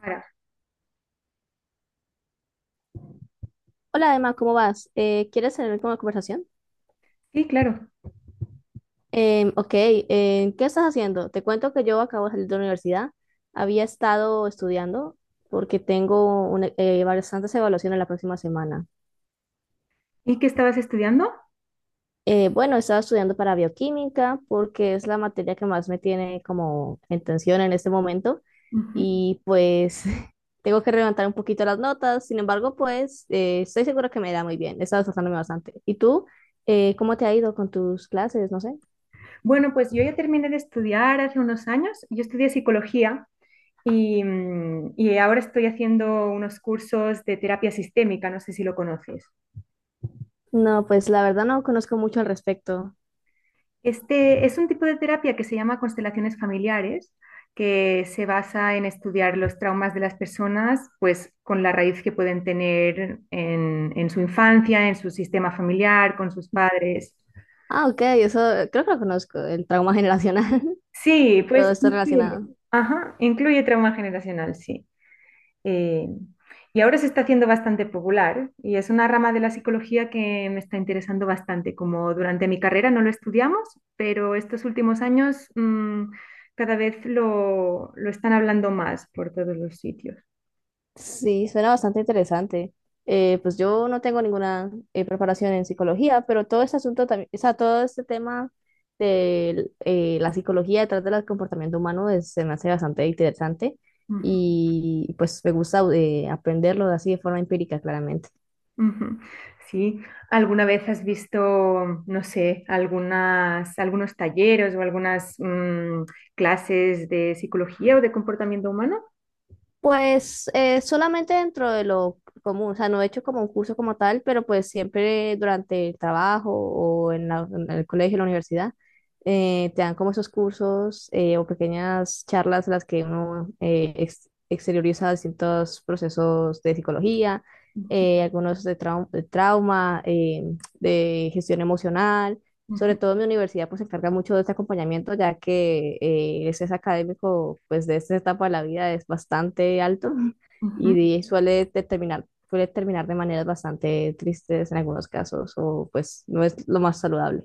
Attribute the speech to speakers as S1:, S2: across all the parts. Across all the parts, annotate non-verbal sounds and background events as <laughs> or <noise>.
S1: Sara.
S2: Hola Emma, ¿cómo vas? ¿Quieres tener como conversación?
S1: Sí, claro.
S2: Ok, ¿qué estás haciendo? Te cuento que yo acabo de salir de la universidad. Había estado estudiando porque bastantes evaluaciones la próxima semana.
S1: ¿Y qué estabas estudiando?
S2: Bueno, estaba estudiando para bioquímica porque es la materia que más me tiene como en tensión en este momento,
S1: Ujú.
S2: y pues <laughs> tengo que levantar un poquito las notas. Sin embargo, pues estoy segura que me irá muy bien. He estado esforzándome bastante. ¿Y tú? ¿Cómo te ha ido con tus clases? No sé.
S1: Bueno, pues yo ya terminé de estudiar hace unos años. Yo estudié psicología y ahora estoy haciendo unos cursos de terapia sistémica, no sé si lo conoces.
S2: No, pues la verdad no conozco mucho al respecto.
S1: Este es un tipo de terapia que se llama constelaciones familiares, que se basa en estudiar los traumas de las personas, pues con la raíz que pueden tener en su infancia, en su sistema familiar, con sus padres.
S2: Ah, ok, eso creo que lo conozco, el trauma generacional <laughs>
S1: Sí,
S2: y todo
S1: pues
S2: esto
S1: incluye,
S2: relacionado.
S1: ajá, incluye trauma generacional, sí. Eh, y ahora se está haciendo bastante popular y es una rama de la psicología que me está interesando bastante. Como durante mi carrera no lo estudiamos, pero estos últimos años cada vez lo están hablando más por todos los sitios.
S2: Sí, suena bastante interesante. Pues yo no tengo ninguna preparación en psicología, pero todo este asunto también, o sea, todo este tema de la psicología detrás del comportamiento humano se me hace bastante interesante,
S1: Ujú,
S2: y pues me gusta aprenderlo así de forma empírica, claramente.
S1: ujú. Sí, ¿alguna vez has visto, no sé, algunos talleres o algunas clases de psicología o de comportamiento humano?
S2: Pues solamente dentro de lo común, o sea, no he hecho como un curso como tal, pero pues siempre durante el trabajo en el colegio, en la universidad, te dan como esos cursos o pequeñas charlas en las que uno exterioriza distintos procesos de psicología,
S1: Ujú,
S2: algunos de trauma, de gestión emocional. Sobre
S1: ujú,
S2: todo mi universidad pues se encarga mucho de este acompañamiento, ya que el estrés académico pues de esta etapa de la vida es bastante alto <laughs>
S1: ujú.
S2: suele suele terminar de maneras bastante tristes en algunos casos, o pues no es lo más saludable.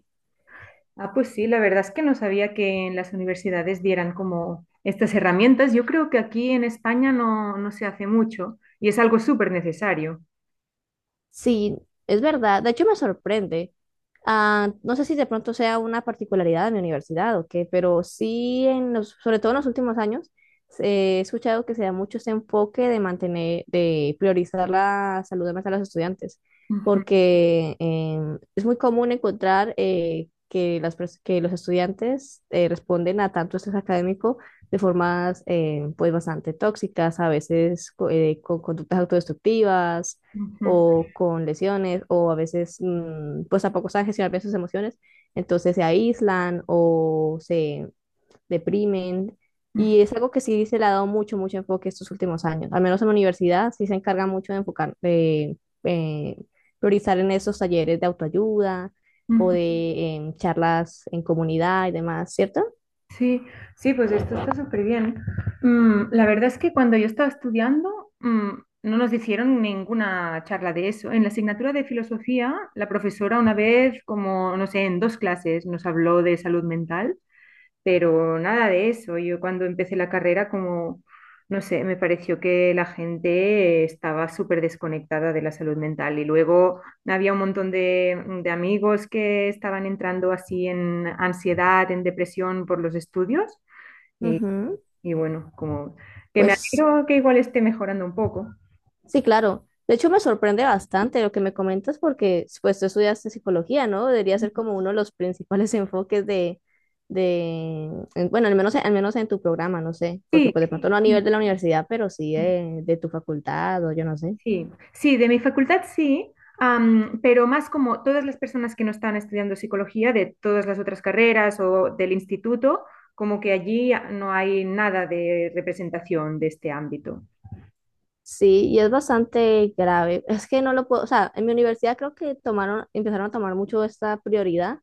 S1: Ah, pues sí, la verdad es que no sabía que en las universidades dieran como estas herramientas. Yo creo que aquí en España no se hace mucho y es algo súper necesario.
S2: Sí, es verdad. De hecho, me sorprende. Ah, no sé si de pronto sea una particularidad de mi universidad o qué, pero sí, en los, sobre todo en los últimos años, he escuchado que se da mucho ese enfoque de mantener, de priorizar la salud mental de los estudiantes,
S1: Ujú,
S2: porque es muy común encontrar que los estudiantes responden a tanto estrés académico de formas pues bastante tóxicas, a veces con conductas autodestructivas,
S1: ujú,
S2: o con lesiones, o a veces pues tampoco saben gestionar bien sus emociones, entonces se aíslan o se deprimen,
S1: ujú,
S2: y es algo que sí se le ha dado mucho, mucho enfoque estos últimos años. Al menos en la universidad sí se encarga mucho de enfocar, de eh, priorizar en esos talleres de autoayuda o
S1: ujú.
S2: de charlas en comunidad y demás, ¿cierto?
S1: Sí, sí, pues esto está súper bien. La verdad es que cuando yo estaba estudiando, no nos hicieron ninguna charla de eso. En la asignatura de filosofía, la profesora una vez, como, no sé, en dos clases nos habló de salud mental. Pero nada de eso. Yo cuando empecé la carrera, como, no sé, me pareció que la gente estaba súper desconectada de la salud mental y luego había un montón de amigos que estaban entrando así en ansiedad, en depresión por los estudios y,
S2: Ujú.
S1: y bueno, como que me
S2: Pues
S1: alegro que igual esté mejorando un poco.
S2: sí, claro. De hecho, me sorprende bastante lo que me comentas, porque pues tú estudiaste psicología, ¿no? Debería ser como uno de los principales <laughs> enfoques de, bueno, al menos en tu programa, no sé, porque
S1: Sí.
S2: pues de pronto no a nivel de la universidad, pero sí de tu facultad, o yo no sé.
S1: Sí, sí, de mi facultad sí, pero más como todas las personas que no están estudiando psicología de todas las otras carreras o del instituto, como que allí no hay nada de representación de este ámbito.
S2: Sí, y es bastante grave. Es que no lo puedo, o sea, en mi universidad creo que tomaron, empezaron a tomar mucho esta prioridad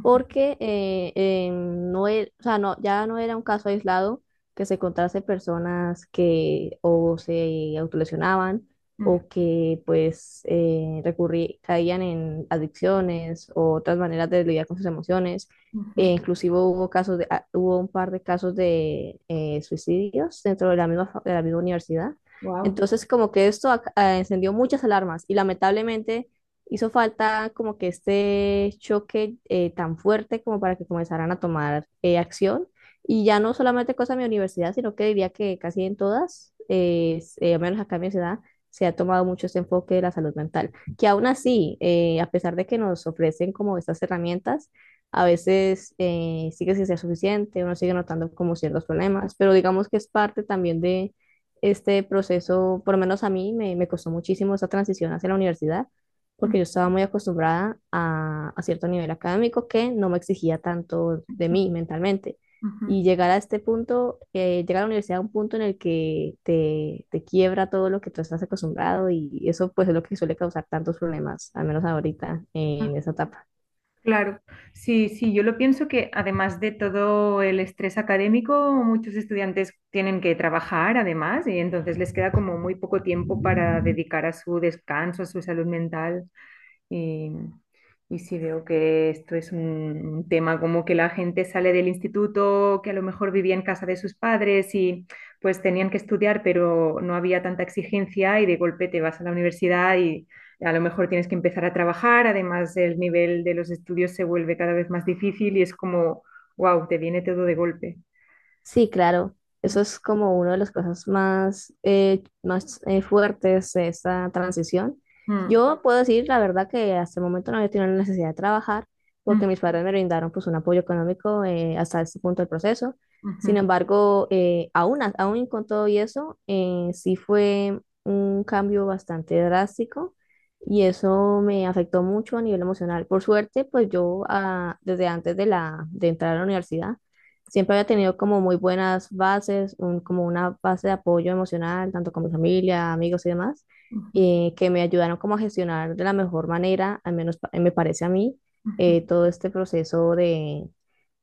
S2: porque no, o sea, no, ya no era un caso aislado que se encontrase personas que o se autolesionaban, o que pues caían en adicciones o otras maneras de lidiar con sus emociones. E inclusive hubo casos de, ah, hubo un par de casos de suicidios dentro de la misma, de la misma universidad.
S1: Wow.
S2: Entonces, como que esto encendió muchas alarmas, y lamentablemente hizo falta como que este choque tan fuerte como para que comenzaran a tomar acción. Y ya no solamente cosa de mi universidad, sino que diría que casi en todas, al menos acá en mi ciudad, se ha tomado mucho este enfoque de la salud mental. Que aún así, a pesar de que nos ofrecen como estas herramientas, a veces sigue sin ser suficiente, uno sigue notando como ciertos problemas, pero digamos que es parte también de este proceso. Por lo menos a mí me costó muchísimo esa transición hacia la universidad, porque yo estaba muy acostumbrada a cierto nivel académico que no me exigía tanto de mí mentalmente. Y llegar a este punto, llegar a la universidad a un punto en el que te quiebra todo lo que tú estás acostumbrado, y eso pues es lo que suele causar tantos problemas, al menos ahorita en esa etapa.
S1: Claro, sí, sí, yo lo pienso que además de todo el estrés académico, muchos estudiantes tienen que trabajar además y entonces les queda como muy poco tiempo para dedicar a su descanso, a su salud mental y, y sí veo que esto es un tema como que la gente sale del instituto, que a lo mejor vivía en casa de sus padres y pues tenían que estudiar, pero no había tanta exigencia y de golpe te vas a la universidad a lo mejor tienes que empezar a trabajar, además el nivel de los estudios se vuelve cada vez más difícil y es como, wow, te viene todo de golpe.
S2: Sí, claro.
S1: Mm,
S2: Eso es como una de las cosas más, más fuertes de esta transición.
S1: mm,
S2: Yo puedo decir la verdad que hasta el momento no he tenido la necesidad de trabajar,
S1: mm,
S2: porque mis padres me brindaron pues un apoyo económico hasta este punto del proceso.
S1: ujú,
S2: Sin embargo, aún con todo y eso, sí fue un cambio bastante drástico, y eso me afectó mucho a nivel emocional. Por suerte, pues yo ah, desde antes de, la, de entrar a la universidad, siempre había tenido como muy buenas bases, como una base de apoyo emocional, tanto con mi familia, amigos y demás,
S1: ujú,
S2: que me ayudaron como a gestionar de la mejor manera, al menos me parece a mí,
S1: ujú,
S2: todo este proceso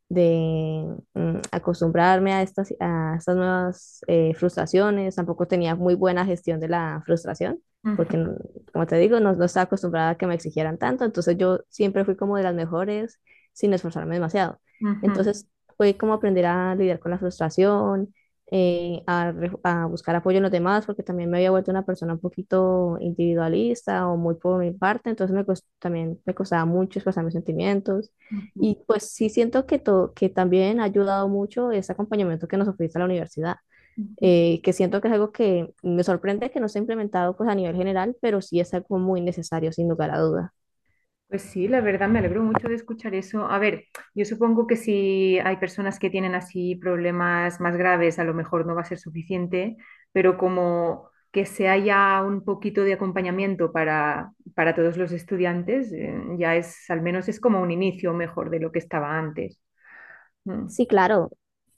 S2: de acostumbrarme a estas nuevas frustraciones. Tampoco tenía muy buena gestión de la frustración,
S1: ujú,
S2: porque, como te digo, no, no estaba acostumbrada a que me exigieran tanto. Entonces yo siempre fui como de las mejores sin esforzarme demasiado.
S1: ujú,
S2: Entonces fue como aprender a lidiar con la frustración, a buscar apoyo en los demás, porque también me había vuelto una persona un poquito individualista o muy por mi parte. Entonces también me costaba mucho expresar mis sentimientos.
S1: ujú,
S2: Y pues sí siento que, que también ha ayudado mucho ese acompañamiento que nos ofrece la universidad,
S1: ujú.
S2: que siento que es algo que me sorprende que no se ha implementado pues a nivel general, pero sí es algo muy necesario, sin lugar a duda.
S1: Pues sí, la verdad me alegro mucho de escuchar eso. A ver, yo supongo que si hay personas que tienen así problemas más graves, a lo mejor no va a ser suficiente, pero como que se haya un poquito de acompañamiento para todos los estudiantes, ya es, al menos es como un inicio mejor de lo que estaba antes. Mm,
S2: Sí, claro,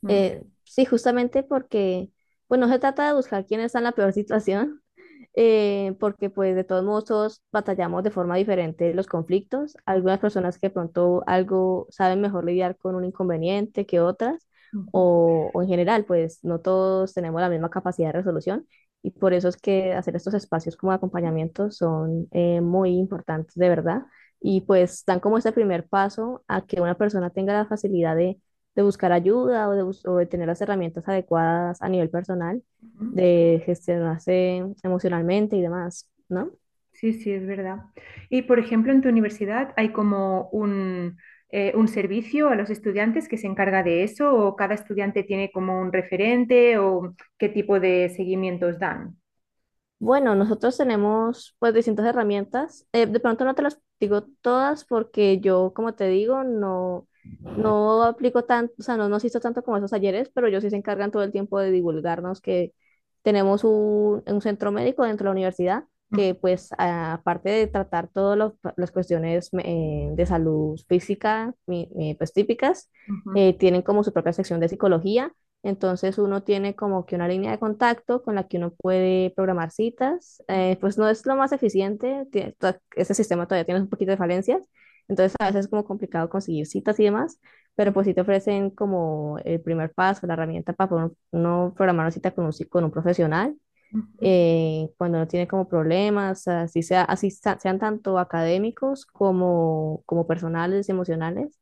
S1: mm,
S2: sí, justamente porque, pues no se trata de buscar quién está en la peor <laughs> situación, porque pues de todos modos todos batallamos de forma diferente los conflictos.
S1: mm,
S2: Algunas personas que de pronto algo saben mejor lidiar con un inconveniente que otras,
S1: mm,
S2: o en general pues no todos tenemos la misma capacidad de resolución, y por eso es que hacer estos espacios como de acompañamiento son muy importantes de verdad,
S1: mm, mm.
S2: y pues dan como ese primer paso a que una persona tenga la facilidad de buscar ayuda, o de tener las herramientas adecuadas a nivel personal
S1: Mm.
S2: de gestionarse emocionalmente y demás, ¿no?
S1: Sí, sí, es verdad. Y, por ejemplo, en tu universidad hay como un servicio a los estudiantes que se encarga de eso, o cada estudiante tiene como un referente, o qué tipo de seguimientos dan.
S2: Bueno, nosotros tenemos pues distintas herramientas. De pronto no te las digo todas porque yo, como te digo, no, no aplico tanto, o sea, no nos hizo tanto como esos talleres, pero ellos sí se encargan todo el tiempo de divulgarnos que tenemos un centro médico dentro de la universidad
S1: Ujú,
S2: que pues aparte de tratar todas las cuestiones de salud física, pues típicas,
S1: ujú,
S2: tienen como su propia sección de psicología. Entonces uno tiene como que una línea de contacto con la que uno puede programar citas.
S1: ujú,
S2: Pues no es lo más eficiente, ese sistema todavía tiene un poquito de falencias, entonces a veces es como complicado conseguir citas y demás, pero pues sí te ofrecen como el primer paso, la herramienta para poder uno programar una cita con con un profesional
S1: ujú,
S2: cuando no tiene como problemas, así sea, sean tanto académicos como, como personales y emocionales,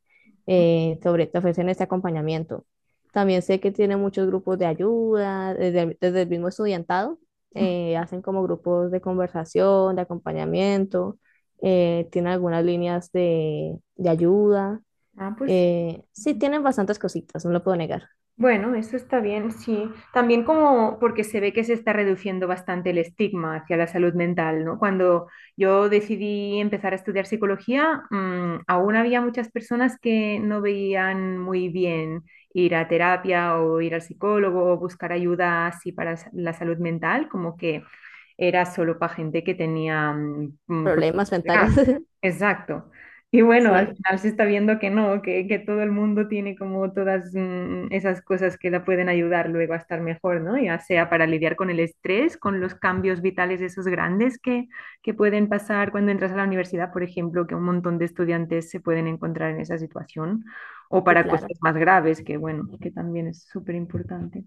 S1: ujú.
S2: te ofrecen este acompañamiento. También sé que tiene muchos grupos de ayuda, desde, desde el mismo estudiantado,
S1: Ujú.
S2: hacen como grupos de conversación, de acompañamiento, tienen algunas líneas de ayuda.
S1: Ah, pues.
S2: Sí, tienen bastantes cositas, no lo puedo negar.
S1: Bueno, eso está bien, sí. También como porque se ve que se está reduciendo bastante el estigma hacia la salud mental, ¿no? Cuando yo decidí empezar a estudiar psicología, aún había muchas personas que no veían muy bien ir a terapia o ir al psicólogo o buscar ayuda así para la salud mental, como que era solo para gente que tenía
S2: Problemas
S1: problemas
S2: mentales.
S1: graves.
S2: <laughs>
S1: Exacto. Y bueno, al
S2: Sí,
S1: final se está viendo que no, que todo el mundo tiene como todas esas cosas que la pueden ayudar luego a estar mejor, ¿no? Ya sea para lidiar con el estrés, con los cambios vitales esos grandes que pueden pasar cuando entras a la universidad, por ejemplo, que un montón de estudiantes se pueden encontrar en esa situación, o
S2: sí,
S1: para cosas
S2: claro.
S1: más graves, que bueno, que también es súper importante.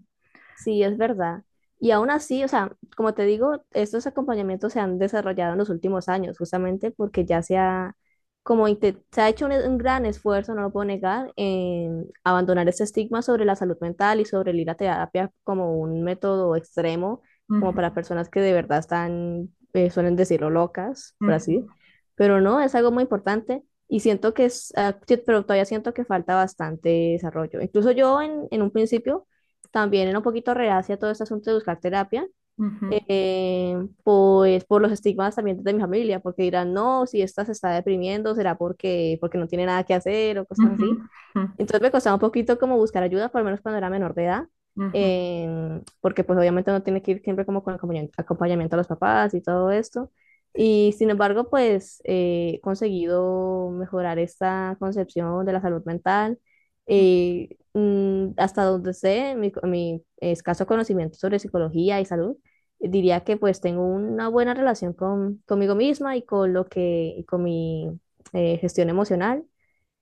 S2: Sí, es verdad. Y aún así, o sea, como te digo, estos acompañamientos se han desarrollado en los últimos años, justamente porque ya se ha, se ha hecho un gran esfuerzo, no lo puedo negar, en abandonar ese estigma sobre la salud mental y sobre el ir a terapia como un método extremo, como
S1: Ujú,
S2: para personas que de verdad están, suelen decirlo, locas, por así. Pero no, es algo muy importante. Y siento que es, ah, sí, pero todavía siento que falta bastante desarrollo. Incluso yo en un principio también era un poquito reacia a todo este asunto de buscar terapia,
S1: ujú,
S2: eh, pues por los estigmas también de mi familia, porque dirán, no, si esta se está deprimiendo, será porque, porque no tiene nada que hacer o cosas
S1: ujú,
S2: así.
S1: ujú, ujú,
S2: Entonces me costaba un poquito como buscar ayuda, por lo menos cuando era menor de edad,
S1: ujú,
S2: porque pues obviamente uno tiene que ir siempre como con acompañamiento a los papás y todo esto. Y sin embargo, pues he conseguido mejorar esta concepción de la salud mental. Hasta donde sé, mi escaso conocimiento sobre psicología y salud, diría que pues tengo una buena relación con, conmigo misma y con lo que, y con mi gestión emocional,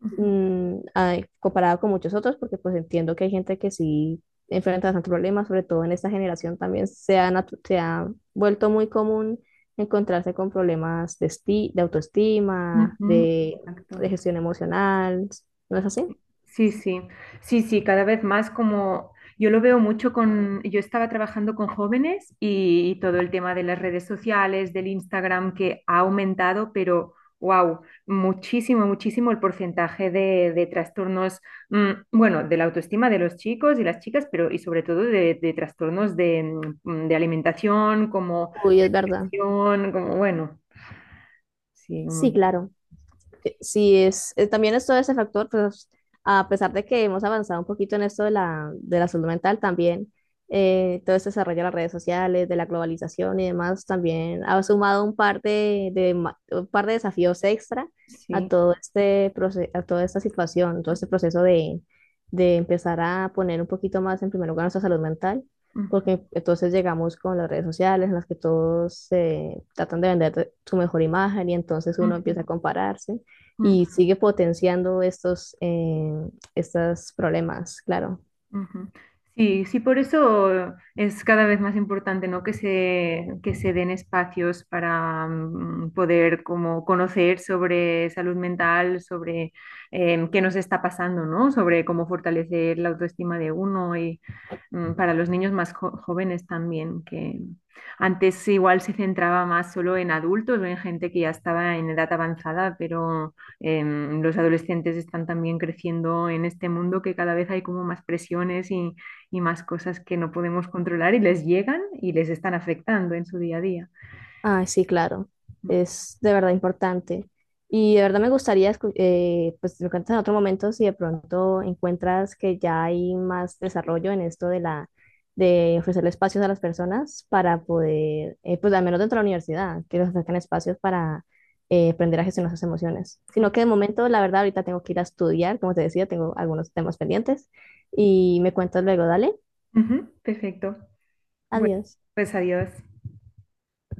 S1: ujú,
S2: comparado con muchos otros, porque pues entiendo que hay gente que sí enfrenta bastantes problemas, sobre todo en esta generación también se ha, se ha vuelto muy común encontrarse con problemas de autoestima,
S1: ujú. Exacto.
S2: de gestión emocional, ¿no es así?
S1: Sí, sí, sí, sí, cada vez más como yo lo veo mucho con, yo estaba trabajando con jóvenes y, todo el tema de las redes sociales, del Instagram que ha aumentado, pero wow, muchísimo, muchísimo el porcentaje de trastornos, bueno, de la autoestima de los chicos y las chicas, pero y sobre todo de trastornos de alimentación, como
S2: Uy, es verdad.
S1: presión, como bueno, sí, un
S2: Sí,
S1: mundo,
S2: claro. Sí, es, también es todo ese factor. Pues a pesar de que hemos avanzado un poquito en esto de la salud mental, también todo este desarrollo de las redes sociales, de la globalización y demás, también ha sumado un par un par de desafíos extra a
S1: sí.
S2: todo a toda esta situación, todo este proceso de empezar a poner un poquito más en primer lugar nuestra salud mental,
S1: Ujú,
S2: porque entonces llegamos con las redes sociales en las que todos tratan de vender su mejor imagen, y entonces uno
S1: ujú,
S2: empieza a compararse
S1: ujú.
S2: y sigue potenciando estos, estos problemas, claro.
S1: Ujú. Sí, sí, por eso es cada vez más importante, ¿no? Que se den espacios para poder como conocer sobre salud mental, sobre qué nos está pasando, ¿no? Sobre cómo fortalecer la autoestima de uno para los niños más jóvenes también, que antes igual se centraba más solo en adultos o en gente que ya estaba en edad avanzada, pero los adolescentes están también creciendo en este mundo que cada vez hay como más presiones y más cosas que no podemos controlar y les llegan y les están afectando en su día a día.
S2: Ah, sí, claro. Es de verdad importante. Y de verdad me gustaría, pues me cuentas en otro momento si de pronto encuentras que ya hay más desarrollo en esto de la, de ofrecerle espacios a las personas para poder, pues al menos dentro de la universidad, que les ofrezcan espacios para aprender a gestionar sus emociones. Sino que de momento, la verdad, ahorita tengo que ir a estudiar, como te decía, tengo algunos temas pendientes y me cuentas luego, dale.
S1: Ujú, perfecto. Bueno,
S2: Adiós.
S1: pues adiós.